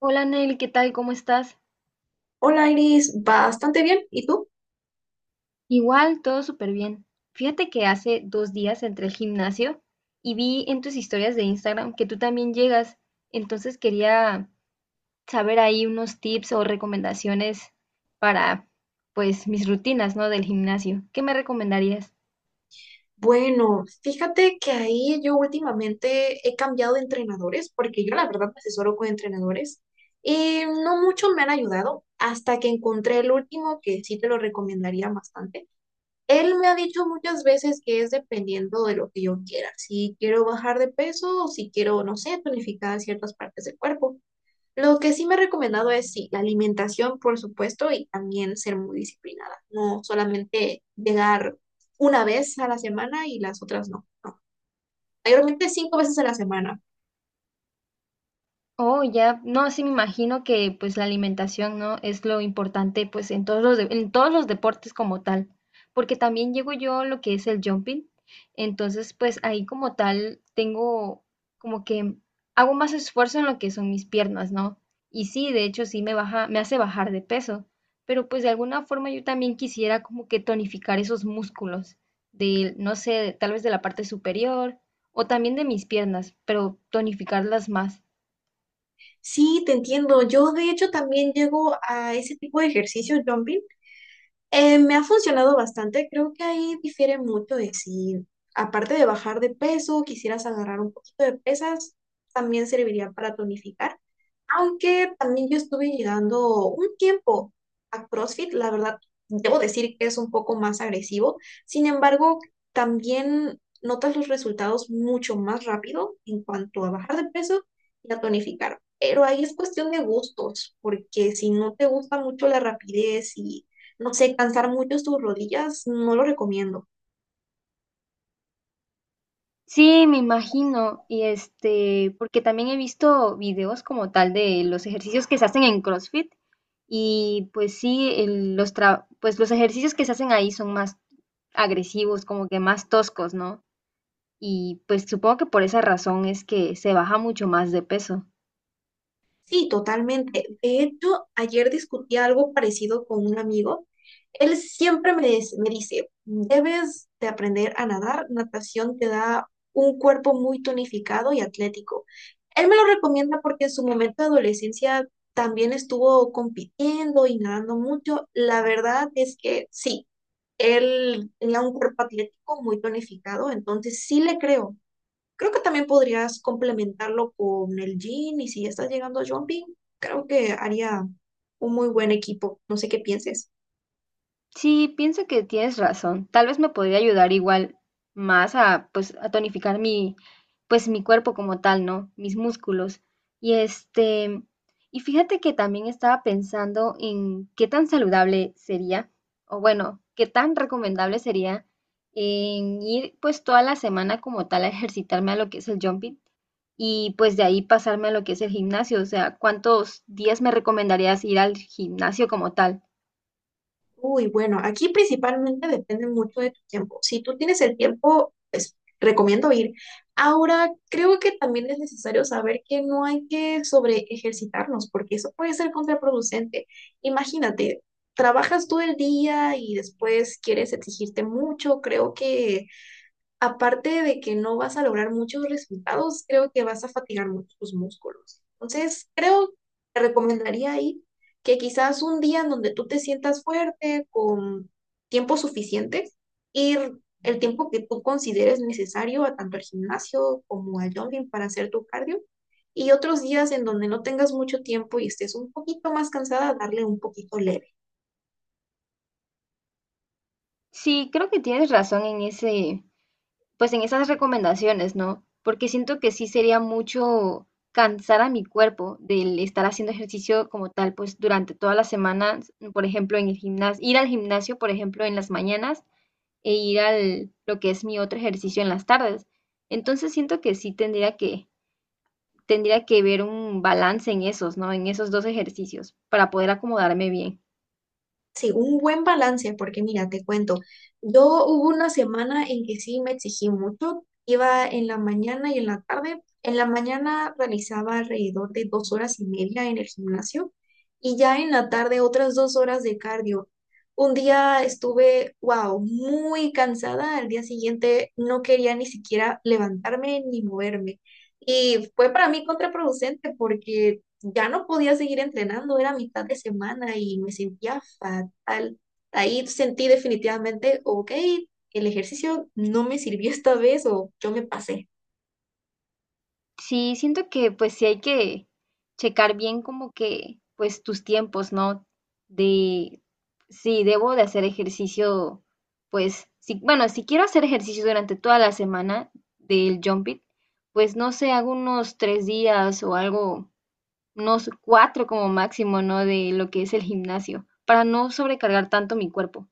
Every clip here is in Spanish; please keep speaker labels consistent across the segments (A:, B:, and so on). A: Hola Nel, ¿qué tal? ¿Cómo estás?
B: Hola Iris, bastante bien. ¿Y tú?
A: Igual, todo súper bien. Fíjate que hace 2 días entré al gimnasio y vi en tus historias de Instagram que tú también llegas. Entonces quería saber ahí unos tips o recomendaciones para, pues, mis rutinas, ¿no? Del gimnasio. ¿Qué me recomendarías?
B: Bueno, fíjate que ahí yo últimamente he cambiado de entrenadores porque yo la verdad me asesoro con entrenadores y no mucho me han ayudado hasta que encontré el último que sí te lo recomendaría bastante. Él me ha dicho muchas veces que es dependiendo de lo que yo quiera, si quiero bajar de peso o si quiero, no sé, tonificar ciertas partes del cuerpo. Lo que sí me ha recomendado es, sí, la alimentación, por supuesto, y también ser muy disciplinada. No solamente llegar una vez a la semana y las otras no. No, mayormente 5 veces a la semana.
A: Oh, ya, no, sí me imagino que pues la alimentación, ¿no? Es lo importante pues en en todos los deportes como tal, porque también llego yo a lo que es el jumping, entonces pues ahí como tal tengo como que hago más esfuerzo en lo que son mis piernas, ¿no? Y sí, de hecho sí me baja, me hace bajar de peso, pero pues de alguna forma yo también quisiera como que tonificar esos músculos de, no sé, tal vez de la parte superior o también de mis piernas, pero tonificarlas más.
B: Sí, te entiendo. Yo, de hecho, también llego a ese tipo de ejercicio, jumping. Me ha funcionado bastante, creo que ahí difiere mucho de si, aparte de bajar de peso, quisieras agarrar un poquito de pesas, también serviría para tonificar. Aunque también yo estuve llegando un tiempo a CrossFit, la verdad, debo decir que es un poco más agresivo. Sin embargo, también notas los resultados mucho más rápido en cuanto a bajar de peso y a tonificar. Pero ahí es cuestión de gustos, porque si no te gusta mucho la rapidez y no sé, cansar mucho tus rodillas, no lo recomiendo.
A: Sí, me imagino. Porque también he visto videos como tal de los ejercicios que se hacen en CrossFit. Y pues sí, pues los ejercicios que se hacen ahí son más agresivos, como que más toscos, ¿no? Y pues supongo que por esa razón es que se baja mucho más de peso.
B: Sí, totalmente. De hecho, ayer discutí algo parecido con un amigo. Él siempre me dice, debes de aprender a nadar. Natación te da un cuerpo muy tonificado y atlético. Él me lo recomienda porque en su momento de adolescencia también estuvo compitiendo y nadando mucho. La verdad es que sí, él tenía un cuerpo atlético muy tonificado, entonces sí le creo. Creo que también podrías complementarlo con el jean y si ya estás llegando a jumping, creo que haría un muy buen equipo. No sé qué pienses.
A: Sí, pienso que tienes razón. Tal vez me podría ayudar igual más a tonificar mi cuerpo como tal, ¿no? Mis músculos. Y este, y fíjate que también estaba pensando en qué tan saludable sería, o bueno, qué tan recomendable sería en ir pues toda la semana como tal a ejercitarme a lo que es el jumping y pues de ahí pasarme a lo que es el gimnasio. O sea, ¿cuántos días me recomendarías ir al gimnasio como tal?
B: Uy, bueno, aquí principalmente depende mucho de tu tiempo. Si tú tienes el tiempo, pues recomiendo ir. Ahora, creo que también es necesario saber que no hay que sobre ejercitarnos porque eso puede ser contraproducente. Imagínate, trabajas todo el día y después quieres exigirte mucho. Creo que aparte de que no vas a lograr muchos resultados, creo que vas a fatigar mucho tus músculos. Entonces, creo, que te recomendaría ahí que quizás un día en donde tú te sientas fuerte, con tiempo suficiente, ir el tiempo que tú consideres necesario a tanto al gimnasio como al jogging para hacer tu cardio, y otros días en donde no tengas mucho tiempo y estés un poquito más cansada, darle un poquito leve.
A: Sí, creo que tienes razón en ese, pues en esas recomendaciones, ¿no? Porque siento que sí sería mucho cansar a mi cuerpo del estar haciendo ejercicio como tal, pues durante todas las semanas, por ejemplo, en el gimnasio, ir al gimnasio, por ejemplo, en las mañanas e ir al lo que es mi otro ejercicio en las tardes. Entonces siento que sí tendría que ver un balance en esos, ¿no? En esos dos ejercicios para poder acomodarme bien.
B: Sí, un buen balance, porque mira, te cuento, yo hubo una semana en que sí me exigí mucho, iba en la mañana y en la tarde, en la mañana realizaba alrededor de 2 horas y media en el gimnasio y ya en la tarde otras 2 horas de cardio. Un día estuve, wow, muy cansada, al día siguiente no quería ni siquiera levantarme ni moverme y fue para mí contraproducente porque ya no podía seguir entrenando, era mitad de semana y me sentía fatal. Ahí sentí definitivamente, ok, el ejercicio no me sirvió esta vez o yo me pasé
A: Sí, siento que pues sí hay que checar bien como que pues tus tiempos, ¿no? De si debo de hacer ejercicio, pues sí, bueno, si quiero hacer ejercicio durante toda la semana del jump it, pues no sé, hago unos 3 días o algo, unos cuatro como máximo, ¿no? De lo que es el gimnasio, para no sobrecargar tanto mi cuerpo.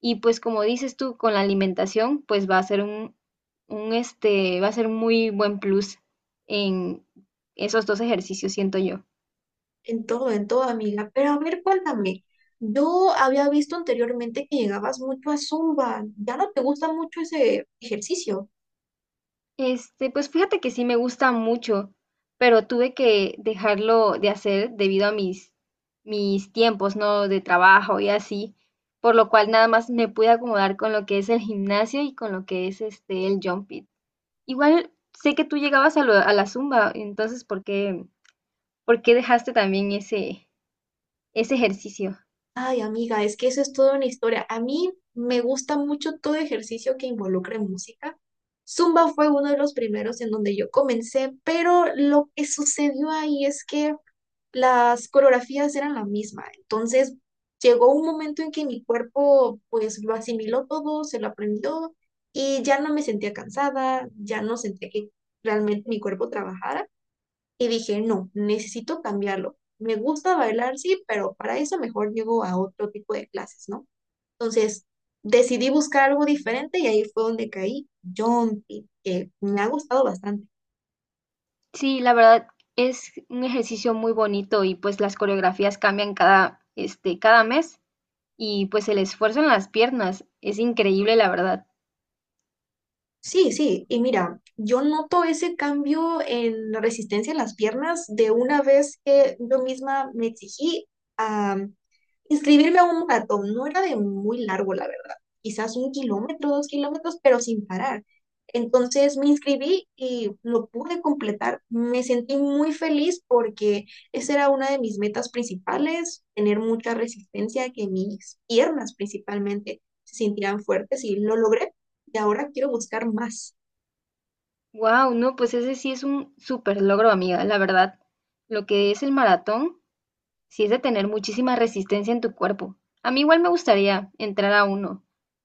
A: Y pues como dices tú, con la alimentación, pues va a ser un este, va a ser muy buen plus en esos dos ejercicios, siento yo.
B: en todo, amiga. Pero a ver, cuéntame, yo había visto anteriormente que llegabas mucho a Zumba, ¿ya no te gusta mucho ese ejercicio?
A: Este, pues fíjate que sí me gusta mucho, pero tuve que dejarlo de hacer debido a mis tiempos, ¿no? De trabajo y así, por lo cual nada más me pude acomodar con lo que es el gimnasio y con lo que es el jump it. Igual sé que tú llegabas a la zumba, entonces, ¿por qué dejaste también ese ejercicio.
B: Ay, amiga, es que eso es toda una historia. A mí me gusta mucho todo ejercicio que involucre música. Zumba fue uno de los primeros en donde yo comencé, pero lo que sucedió ahí es que las coreografías eran la misma. Entonces llegó un momento en que mi cuerpo pues lo asimiló todo, se lo aprendió y ya no me sentía cansada, ya no sentía que realmente mi cuerpo trabajara. Y dije, no, necesito cambiarlo. Me gusta bailar, sí, pero para eso mejor llego a otro tipo de clases, ¿no? Entonces, decidí buscar algo diferente y ahí fue donde caí jumping, que me ha gustado bastante.
A: Sí, la verdad es un ejercicio muy bonito y pues las coreografías cambian cada, este, cada mes y pues el esfuerzo en las piernas es increíble, la verdad.
B: Sí, sí, y mira, yo noto ese cambio en la resistencia en las piernas de una vez que yo misma me exigí a inscribirme a un maratón. No era de muy largo, la verdad, quizás 1 kilómetro, 2 kilómetros, pero sin parar. Entonces me inscribí y lo pude completar. Me sentí muy feliz porque esa era una de mis metas principales, tener mucha resistencia, que mis piernas principalmente se sintieran fuertes y lo logré y ahora quiero buscar más.
A: Wow, no, pues ese sí es un súper logro, amiga, la verdad. Lo que es el maratón, sí es de tener muchísima resistencia en tu cuerpo. A mí igual me gustaría entrar a uno,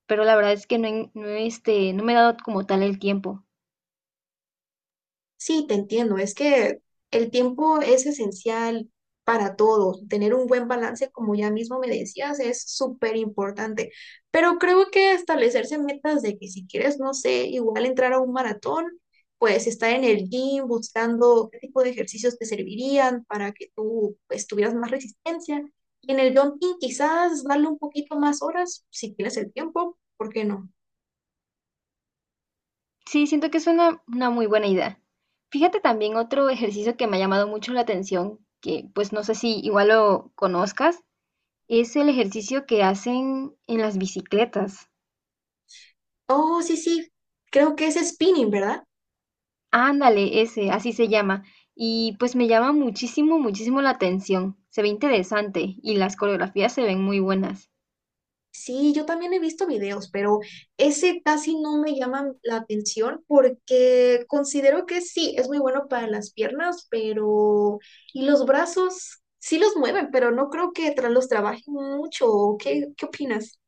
A: pero la verdad es que no, me he dado como tal el tiempo.
B: Sí, te entiendo, es que el tiempo es esencial para todo. Tener un buen balance, como ya mismo me decías, es súper importante. Pero creo que establecerse metas de que si quieres, no sé, igual entrar a un maratón, pues estar en el gym buscando qué tipo de ejercicios te servirían para que tú pues, tuvieras más resistencia. Y en el jumping quizás darle un poquito más horas, si tienes el tiempo, ¿por qué no?
A: Sí, siento que es una muy buena idea. Fíjate también otro ejercicio que me ha llamado mucho la atención, que pues no sé si igual lo conozcas, es el ejercicio que hacen en las bicicletas.
B: Oh, sí, sí, creo que es spinning, ¿verdad?
A: Ándale, ese, así se llama. Y pues me llama muchísimo, muchísimo la atención. Se ve interesante y las coreografías se ven muy buenas.
B: Sí, yo también he visto videos, pero ese casi no me llama la atención porque considero que sí, es muy bueno para las piernas, pero... Y los brazos sí los mueven, pero no creo que los trabajen mucho. ¿Qué, qué opinas?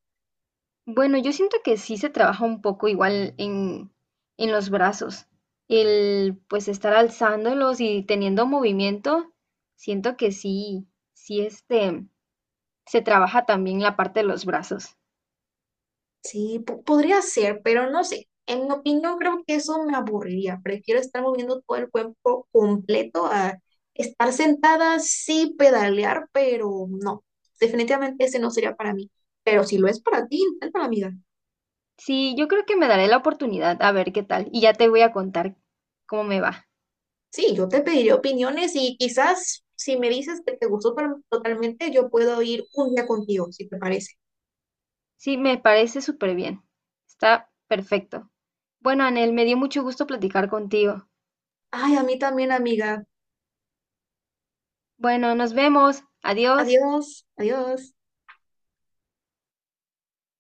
A: Bueno, yo siento que sí se trabaja un poco igual en, los brazos. El pues estar alzándolos y teniendo movimiento, siento que sí, sí se trabaja también la parte de los brazos.
B: Sí, podría ser, pero no sé. En mi opinión, creo que eso me aburriría. Prefiero estar moviendo todo el cuerpo completo a estar sentada, sí pedalear, pero no. Definitivamente ese no sería para mí. Pero si lo es para ti, inténtalo, amiga.
A: Sí, yo creo que me daré la oportunidad a ver qué tal y ya te voy a contar cómo me va.
B: Sí, yo te pediré opiniones y quizás si me dices que te gustó totalmente, yo puedo ir un día contigo, si te parece.
A: Sí, me parece súper bien. Está perfecto. Bueno, Anel, me dio mucho gusto platicar contigo.
B: Ay, a mí también, amiga.
A: Bueno, nos vemos. Adiós.
B: Adiós, adiós.